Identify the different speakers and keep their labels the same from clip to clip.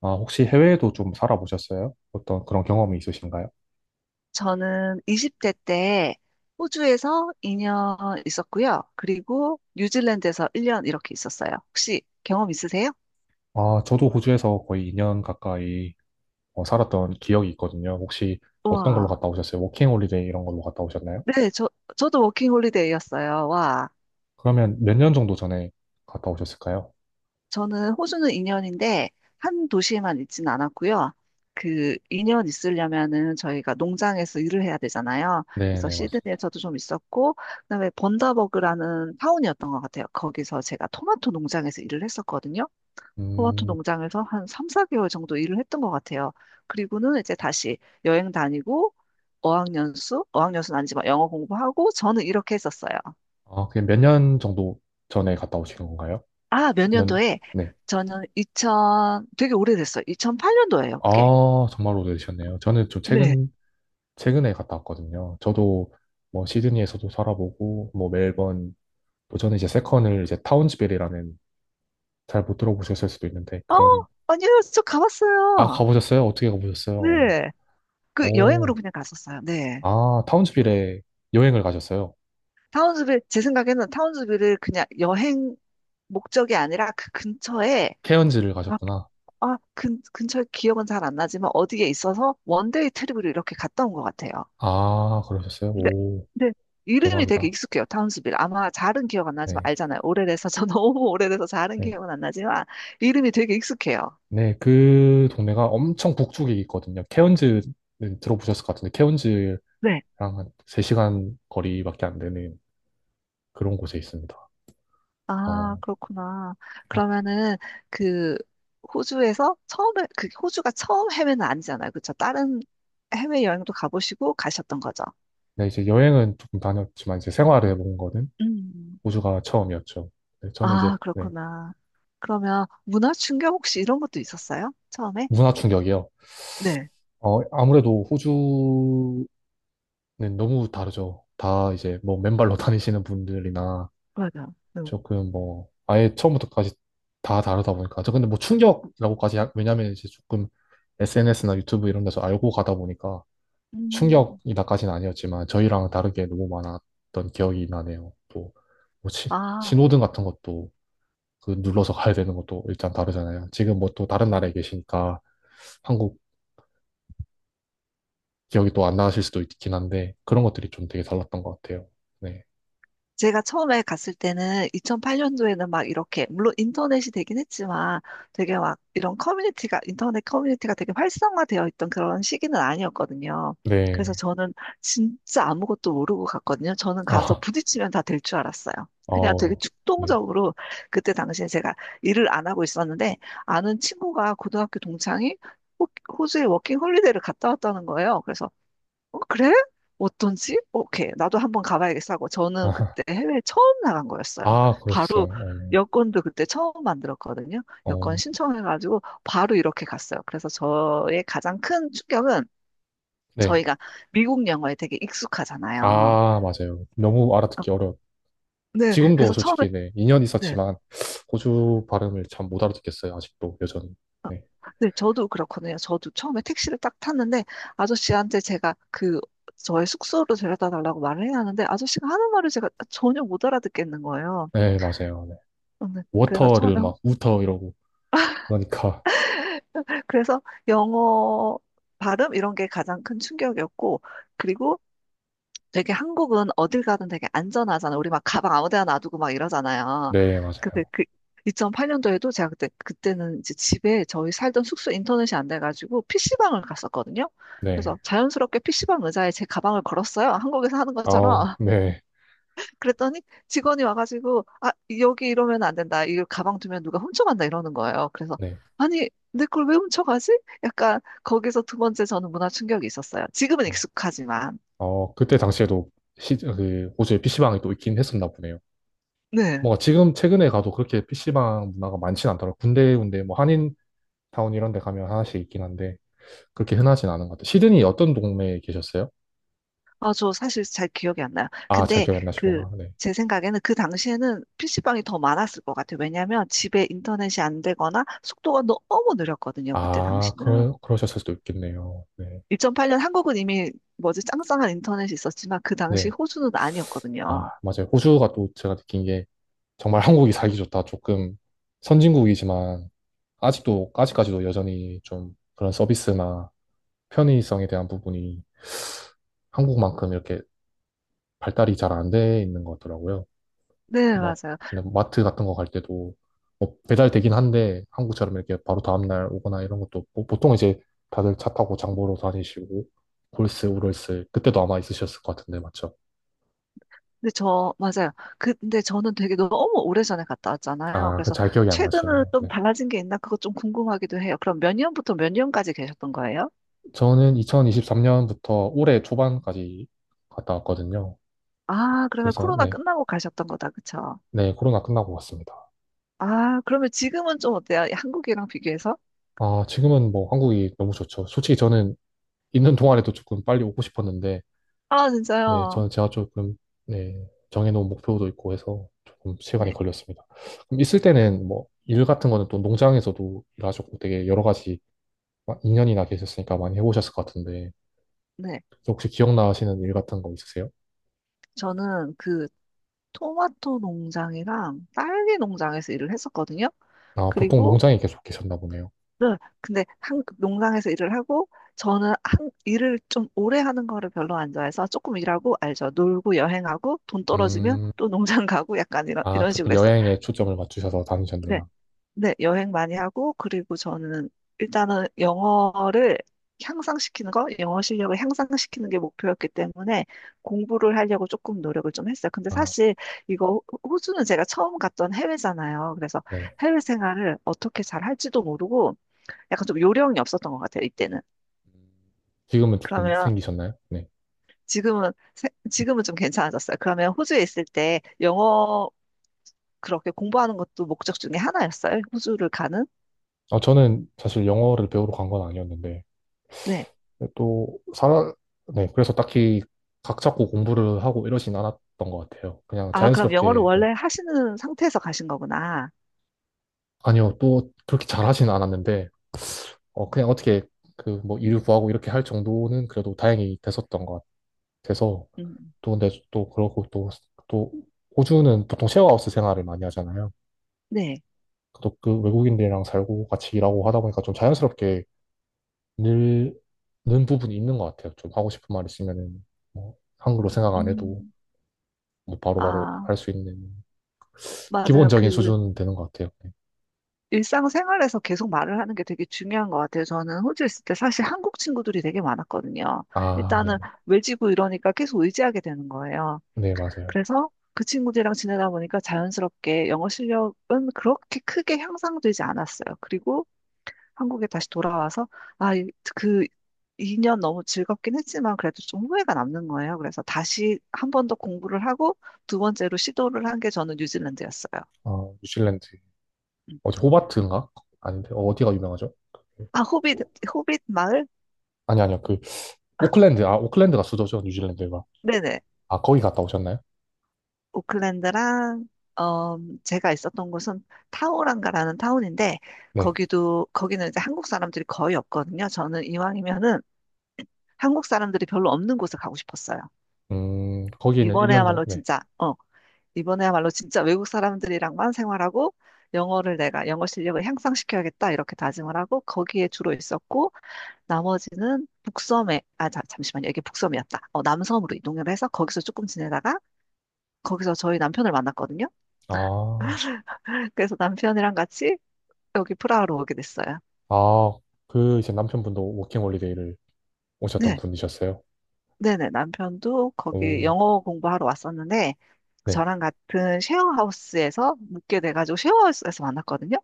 Speaker 1: 아, 혹시 해외에도 좀 살아보셨어요? 어떤 그런 경험이 있으신가요?
Speaker 2: 저는 20대 때 호주에서 2년 있었고요. 그리고 뉴질랜드에서 1년 이렇게 있었어요. 혹시 경험 있으세요?
Speaker 1: 아, 저도 호주에서 거의 2년 가까이 살았던 기억이 있거든요. 혹시 어떤 걸로
Speaker 2: 와.
Speaker 1: 갔다 오셨어요? 워킹 홀리데이 이런 걸로 갔다 오셨나요?
Speaker 2: 네, 저도 워킹 홀리데이였어요. 와.
Speaker 1: 그러면 몇 년 정도 전에 갔다 오셨을까요?
Speaker 2: 저는 호주는 2년인데 한 도시에만 있지는 않았고요. 그 2년 있으려면은 저희가 농장에서 일을 해야 되잖아요. 그래서
Speaker 1: 네네, 맞습니다.
Speaker 2: 시드니에서도 좀 있었고, 그다음에 번다버그라는 타운이었던 것 같아요. 거기서 제가 토마토 농장에서 일을 했었거든요. 토마토
Speaker 1: 음.
Speaker 2: 농장에서 한 3, 4개월 정도 일을 했던 것 같아요. 그리고는 이제 다시 여행 다니고 어학연수, 어학연수는 아니지만 영어 공부하고 저는 이렇게 했었어요.
Speaker 1: 아, 그게 몇 년 정도 전에 갔다 오신 건가요?
Speaker 2: 아, 몇
Speaker 1: 년,
Speaker 2: 년도에?
Speaker 1: 네.
Speaker 2: 저는 2000, 되게 오래됐어요. 2008년도예요, 그게.
Speaker 1: 아, 정말 오래되셨네요. 저는 좀
Speaker 2: 네.
Speaker 1: 최근, 최근에 갔다 왔거든요. 저도 뭐 시드니에서도 살아보고, 뭐 멜번, 그 전에 이제 세컨을 이제 타운즈빌이라는, 잘 못 들어보셨을 수도 있는데
Speaker 2: 어,
Speaker 1: 그런.
Speaker 2: 아니요, 저
Speaker 1: 아,
Speaker 2: 가봤어요.
Speaker 1: 가보셨어요? 어떻게 가보셨어요?
Speaker 2: 네. 그 여행으로
Speaker 1: 오,
Speaker 2: 그냥 갔었어요. 네.
Speaker 1: 아 타운즈빌에 여행을 가셨어요?
Speaker 2: 타운스빌, 제 생각에는 타운스빌을 그냥 여행 목적이 아니라 그 근처에.
Speaker 1: 케언즈를 가셨구나.
Speaker 2: 아, 근처 기억은 잘 안 나지만 어디에 있어서 원데이 트립으로 이렇게 갔다 온 것 같아요.
Speaker 1: 아 그러셨어요?
Speaker 2: 근데,
Speaker 1: 오,
Speaker 2: 근데 이름이 되게
Speaker 1: 대박이다.
Speaker 2: 익숙해요. 타운스빌. 아마 잘은 기억 안 나지만
Speaker 1: 네,
Speaker 2: 알잖아요. 오래돼서 저 너무 오래돼서 잘은
Speaker 1: 네,
Speaker 2: 기억은 안 나지만 이름이 되게 익숙해요.
Speaker 1: 네. 그 동네가 엄청 북쪽에 있거든요. 케언즈는 들어보셨을 것 같은데 케언즈랑
Speaker 2: 네.
Speaker 1: 한 3시간 거리밖에 안 되는 그런 곳에 있습니다.
Speaker 2: 아,
Speaker 1: 어,
Speaker 2: 그렇구나.
Speaker 1: 어,
Speaker 2: 그러면은 그 호주에서 처음에 그 호주가 처음 해외는 아니잖아요. 그렇죠? 다른 해외 여행도 가보시고 가셨던 거죠.
Speaker 1: 네, 이제 여행은 조금 다녔지만 이제 생활을 해본 거는
Speaker 2: 음.
Speaker 1: 호주가 처음이었죠. 네, 저는 이제,
Speaker 2: 아,
Speaker 1: 네.
Speaker 2: 그렇구나. 그러면 문화 충격 혹시 이런 것도 있었어요? 처음에?
Speaker 1: 문화 충격이요.
Speaker 2: 네,
Speaker 1: 아무래도 호주는 너무 다르죠. 다 이제 뭐 맨발로 다니시는 분들이나
Speaker 2: 맞아요. 네.
Speaker 1: 조금 뭐 아예 처음부터까지 다 다르다 보니까 저 근데 뭐 왜냐면 이제 조금 SNS나 유튜브 이런 데서 알고 가다 보니까
Speaker 2: 음,
Speaker 1: 충격이다까지는 아니었지만 저희랑 다르게 너무 많았던 기억이 나네요. 또 뭐
Speaker 2: 아,
Speaker 1: 신호등 같은 것도 그 눌러서 가야 되는 것도 일단 다르잖아요. 지금 뭐 또 다른 나라에 계시니까 한국 기억이 또 안 나실 수도 있긴 한데 그런 것들이 좀 되게 달랐던 것 같아요. 네.
Speaker 2: 제가 처음에 갔을 때는 2008년도에는 막 이렇게, 물론 인터넷이 되긴 했지만 되게 막 이런 커뮤니티가, 인터넷 커뮤니티가 되게 활성화되어 있던 그런 시기는 아니었거든요. 그래서
Speaker 1: 네.
Speaker 2: 저는 진짜 아무것도 모르고 갔거든요. 저는 가서
Speaker 1: 아,
Speaker 2: 부딪히면 다 될 줄 알았어요. 그냥 되게
Speaker 1: 어, 네.
Speaker 2: 충동적으로 그때 당시에 제가 일을 안 하고 있었는데 아는 친구가 고등학교 동창이 호- 호주에 워킹 홀리데이를 갔다 왔다는 거예요. 그래서 어, 그래? 어떤지? 오케이. 나도 한번 가봐야겠어 하고 저는
Speaker 1: 아,
Speaker 2: 그때 해외에 처음 나간 거였어요.
Speaker 1: 아,
Speaker 2: 바로
Speaker 1: 그러셨어요.
Speaker 2: 여권도 그때 처음 만들었거든요.
Speaker 1: 어,
Speaker 2: 여권
Speaker 1: 어,
Speaker 2: 신청해가지고 바로 이렇게 갔어요. 그래서 저의 가장 큰 충격은
Speaker 1: 네.
Speaker 2: 저희가 미국 영어에 되게 익숙하잖아요.
Speaker 1: 아, 맞아요. 너무
Speaker 2: 어,
Speaker 1: 알아듣기 어려워.
Speaker 2: 네.
Speaker 1: 지금도
Speaker 2: 그래서 처음에,
Speaker 1: 솔직히, 네. 2년
Speaker 2: 네.
Speaker 1: 있었지만 호주 발음을 참 못 알아듣겠어요. 아직도 여전히.
Speaker 2: 어,
Speaker 1: 네.
Speaker 2: 네, 저도 그렇거든요. 저도 처음에 택시를 딱 탔는데 아저씨한테 제가 그 저의 숙소로 데려다 달라고 말을 해야 하는데 아저씨가 하는 말을 제가 전혀 못 알아듣겠는 거예요.
Speaker 1: 네, 맞아요. 네.
Speaker 2: 저는 그래서 처음에
Speaker 1: 워터를 막 우터 이러고 그러니까
Speaker 2: 그래서 영어 발음 이런 게 가장 큰 충격이었고, 그리고 되게 한국은 어딜 가든 되게 안전하잖아요. 우리 막 가방 아무 데나 놔두고 막 이러잖아요.
Speaker 1: 네,
Speaker 2: 근데
Speaker 1: 맞아요.
Speaker 2: 그 2008년도에도 제가 그때는 이제 집에 저희 살던 숙소 인터넷이 안 돼가지고 PC방을 갔었거든요. 그래서
Speaker 1: 네.
Speaker 2: 자연스럽게 PC방 의자에 제 가방을 걸었어요. 한국에서 하는
Speaker 1: 아우,
Speaker 2: 것처럼.
Speaker 1: 네.
Speaker 2: 그랬더니 직원이 와가지고, 아, 여기 이러면 안 된다. 이걸 가방 두면 누가 훔쳐간다. 이러는 거예요. 그래서
Speaker 1: 네.
Speaker 2: 아니, 내 걸 왜 훔쳐가지? 약간 거기서 두 번째 저는 문화 충격이 있었어요. 지금은
Speaker 1: 어.
Speaker 2: 익숙하지만.
Speaker 1: 그때 당시에도 그 호주에 PC방이 또 있긴 했었나 보네요.
Speaker 2: 네.
Speaker 1: 뭔가 지금 최근에 가도 그렇게 PC방 문화가 많진 않더라고요. 군데군데 뭐 한인타운 이런 데 가면 하나씩 있긴 한데 그렇게 흔하진 않은 것 같아요. 시드니 어떤 동네에 계셨어요?
Speaker 2: 아, 저 사실 잘 기억이 안 나요.
Speaker 1: 아, 잘
Speaker 2: 근데
Speaker 1: 기억이 안
Speaker 2: 그,
Speaker 1: 나시구나. 네.
Speaker 2: 제 생각에는 그 당시에는 PC방이 더 많았을 것 같아요. 왜냐하면 집에 인터넷이 안 되거나 속도가 너무 느렸거든요. 그때
Speaker 1: 아,
Speaker 2: 당시는.
Speaker 1: 그러셨을 수도 있겠네요. 네.
Speaker 2: 2008년 한국은 이미 뭐지 짱짱한 인터넷이 있었지만 그 당시
Speaker 1: 네.
Speaker 2: 호주는 아니었거든요.
Speaker 1: 아, 맞아요. 호주가 또 제가 느낀 게 정말 한국이 살기 좋다. 조금 선진국이지만 아직도, 아직까지도 여전히 좀 그런 서비스나 편의성에 대한 부분이 한국만큼 이렇게 발달이 잘 안 돼 있는 것 같더라고요.
Speaker 2: 네,
Speaker 1: 막
Speaker 2: 맞아요.
Speaker 1: 그냥 마트 같은 거 갈 때도 뭐 배달되긴 한데 한국처럼 이렇게 바로 다음날 오거나 이런 것도 없고 보통 이제 다들 차 타고 장 보러 다니시고 골스, 우럴스 그때도 아마 있으셨을 것 같은데 맞죠?
Speaker 2: 맞아요. 근데 저는 되게 너무 오래전에 갔다 왔잖아요.
Speaker 1: 아, 그
Speaker 2: 그래서
Speaker 1: 잘 기억이 안
Speaker 2: 최근으로
Speaker 1: 나시네요.
Speaker 2: 좀
Speaker 1: 네.
Speaker 2: 달라진 게 있나? 그거 좀 궁금하기도 해요. 그럼 몇 년부터 몇 년까지 계셨던 거예요?
Speaker 1: 저는 2023년부터 올해 초반까지 갔다 왔거든요.
Speaker 2: 아, 그러면
Speaker 1: 그래서
Speaker 2: 코로나
Speaker 1: 네,
Speaker 2: 끝나고 가셨던 거다. 그쵸?
Speaker 1: 네, 코로나 끝나고 왔습니다.
Speaker 2: 아, 그러면 지금은 좀 어때요? 한국이랑 비교해서?
Speaker 1: 아, 지금은 뭐 한국이 너무 좋죠. 솔직히 저는 있는 동안에도 조금 빨리 오고 싶었는데,
Speaker 2: 아,
Speaker 1: 네,
Speaker 2: 진짜요?
Speaker 1: 저는 제가 조금, 네, 정해놓은 목표도 있고 해서 조금 시간이
Speaker 2: 네,
Speaker 1: 걸렸습니다. 그럼 있을 때는 뭐, 일 같은 거는 또 농장에서도 일하셨고 되게 여러 가지, 2년이나 계셨으니까 많이 해보셨을 것 같은데,
Speaker 2: 네.
Speaker 1: 혹시 기억나시는 일 같은 거 있으세요?
Speaker 2: 저는 그 토마토 농장이랑 딸기 농장에서 일을 했었거든요.
Speaker 1: 아, 보통
Speaker 2: 그리고
Speaker 1: 농장에 계속 계셨나 보네요.
Speaker 2: 네, 근데 한 농장에서 일을 하고 저는 한 일을 좀 오래 하는 거를 별로 안 좋아해서 조금 일하고 알죠. 놀고 여행하고 돈 떨어지면
Speaker 1: 음,
Speaker 2: 또 농장 가고 약간 이런
Speaker 1: 아,
Speaker 2: 이런
Speaker 1: 조금
Speaker 2: 식으로 했어요.
Speaker 1: 여행에 초점을 맞추셔서
Speaker 2: 네,
Speaker 1: 다니셨네요.
Speaker 2: 네, 여행 많이 하고 그리고 저는 일단은 영어를 향상시키는 거, 영어 실력을 향상시키는 게 목표였기 때문에 공부를 하려고 조금 노력을 좀 했어요. 근데
Speaker 1: 아,
Speaker 2: 사실 이거 호주는 제가 처음 갔던 해외잖아요. 그래서
Speaker 1: 네.
Speaker 2: 해외 생활을 어떻게 잘 할지도 모르고 약간 좀 요령이 없었던 것 같아요, 이때는.
Speaker 1: 지금은 조금
Speaker 2: 그러면
Speaker 1: 생기셨나요? 네.
Speaker 2: 지금은, 지금은 좀 괜찮아졌어요. 그러면 호주에 있을 때 영어 그렇게 공부하는 것도 목적 중에 하나였어요? 호주를 가는?
Speaker 1: 아, 저는 사실 영어를 배우러 간 건 아니었는데,
Speaker 2: 네.
Speaker 1: 네, 또, 사, 네, 그래서 딱히 각 잡고 공부를 하고 이러진 않았던 것 같아요. 그냥
Speaker 2: 아, 그럼 영어를
Speaker 1: 자연스럽게, 네.
Speaker 2: 원래 하시는 상태에서 가신 거구나.
Speaker 1: 아니요, 또 그렇게 잘하진 않았는데, 그냥 어떻게 그 뭐 일을 구하고 이렇게 할 정도는 그래도 다행히 됐었던 것 같아서,
Speaker 2: 음,
Speaker 1: 또 근데 또 그러고 또, 또, 호주는 보통 셰어하우스 생활을 많이 하잖아요.
Speaker 2: 네.
Speaker 1: 또 그 외국인들이랑 살고 같이 일하고 하다 보니까 좀 자연스럽게 늘는 부분이 있는 것 같아요. 좀 하고 싶은 말 있으면은, 뭐, 한글로 생각 안 해도
Speaker 2: 음,
Speaker 1: 뭐 바로바로
Speaker 2: 아,
Speaker 1: 할 수 있는
Speaker 2: 맞아요.
Speaker 1: 기본적인
Speaker 2: 그
Speaker 1: 수준 되는 것 같아요. 네.
Speaker 2: 일상생활에서 계속 말을 하는 게 되게 중요한 것 같아요. 저는 호주에 있을 때 사실 한국 친구들이 되게 많았거든요.
Speaker 1: 아,
Speaker 2: 일단은
Speaker 1: 네네.
Speaker 2: 외지고 이러니까 계속 의지하게 되는 거예요.
Speaker 1: 네, 맞아요.
Speaker 2: 그래서 그 친구들이랑 지내다 보니까 자연스럽게 영어 실력은 그렇게 크게 향상되지 않았어요. 그리고 한국에 다시 돌아와서, 아, 그 2년 너무 즐겁긴 했지만 그래도 좀 후회가 남는 거예요. 그래서 다시 한 번 더 공부를 하고 두 번째로 시도를 한 게 저는 뉴질랜드였어요.
Speaker 1: 어, 뉴질랜드.
Speaker 2: 음.
Speaker 1: 어제 호바트인가? 아닌데, 어, 디가 유명하죠? 그-
Speaker 2: 아, 호빗 마을?
Speaker 1: 아니, 아니요. 그, 오클랜드. 아, 오클랜드가 수도죠, 뉴질랜드가.
Speaker 2: 네네.
Speaker 1: 아, 거기 갔다 오셨나요?
Speaker 2: 오클랜드랑, 어, 제가 있었던 곳은 타우랑가라는 타운인데,
Speaker 1: 네.
Speaker 2: 거기는 이제 한국 사람들이 거의 없거든요. 저는 이왕이면은 한국 사람들이 별로 없는 곳을 가고 싶었어요.
Speaker 1: 거기는 1년 정도,
Speaker 2: 이번에야말로
Speaker 1: 네.
Speaker 2: 진짜, 어, 이번에야말로 진짜 외국 사람들이랑만 생활하고 영어를 내가 영어 실력을 향상시켜야겠다 이렇게 다짐을 하고 거기에 주로 있었고, 나머지는 북섬에, 아, 자, 잠시만요. 이게 북섬이었다. 어, 남섬으로 이동을 해서 거기서 조금 지내다가 거기서 저희 남편을 만났거든요.
Speaker 1: 아,
Speaker 2: 그래서 남편이랑 같이 여기 프라하로 오게 됐어요.
Speaker 1: 아, 그, 이제 남편분도 워킹홀리데이를 오셨던
Speaker 2: 네.
Speaker 1: 분이셨어요.
Speaker 2: 네네, 남편도 거기
Speaker 1: 오,
Speaker 2: 영어 공부하러 왔었는데,
Speaker 1: 네.
Speaker 2: 저랑 같은 쉐어하우스에서 묵게 돼가지고 쉐어하우스에서 만났거든요.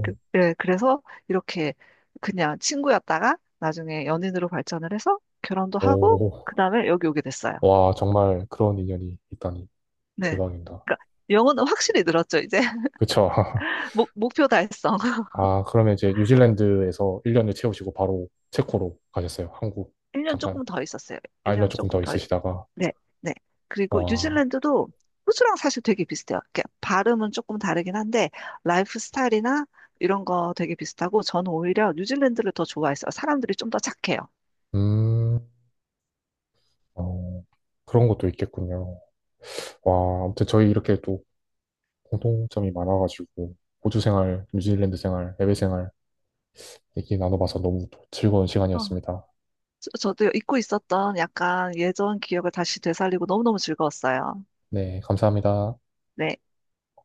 Speaker 2: 그, 예, 그래서 이렇게 그냥 친구였다가 나중에 연인으로 발전을 해서 결혼도 하고, 그
Speaker 1: 오.
Speaker 2: 다음에 여기 오게 됐어요.
Speaker 1: 와, 정말 그런 인연이 있다니.
Speaker 2: 네.
Speaker 1: 대박입니다.
Speaker 2: 그러니까 영어는 확실히 늘었죠, 이제.
Speaker 1: 그쵸?
Speaker 2: 목표 달성.
Speaker 1: 아, 그러면 이제 뉴질랜드에서 1년을 채우시고 바로 체코로 가셨어요. 한국.
Speaker 2: 1년
Speaker 1: 잠깐,
Speaker 2: 조금 더 있었어요.
Speaker 1: 아, 1년
Speaker 2: 1년
Speaker 1: 조금
Speaker 2: 조금
Speaker 1: 더
Speaker 2: 더.
Speaker 1: 있으시다가.
Speaker 2: 네, 네. 그리고
Speaker 1: 와,
Speaker 2: 뉴질랜드도 호주랑 사실 되게 비슷해요. 이렇게 발음은 조금 다르긴 한데 라이프 스타일이나 이런 거 되게 비슷하고 저는 오히려 뉴질랜드를 더 좋아했어요. 사람들이 좀 더 착해요.
Speaker 1: 음, 어, 그런 것도 있겠군요. 와, 아무튼 저희 이렇게 또 공통점이 많아가지고, 호주 생활, 뉴질랜드 생활, 해외 생활 얘기 나눠봐서 너무 또 즐거운
Speaker 2: 어,
Speaker 1: 시간이었습니다.
Speaker 2: 저도 잊고 있었던 약간 예전 기억을 다시 되살리고 너무너무 즐거웠어요.
Speaker 1: 네, 감사합니다.
Speaker 2: 네.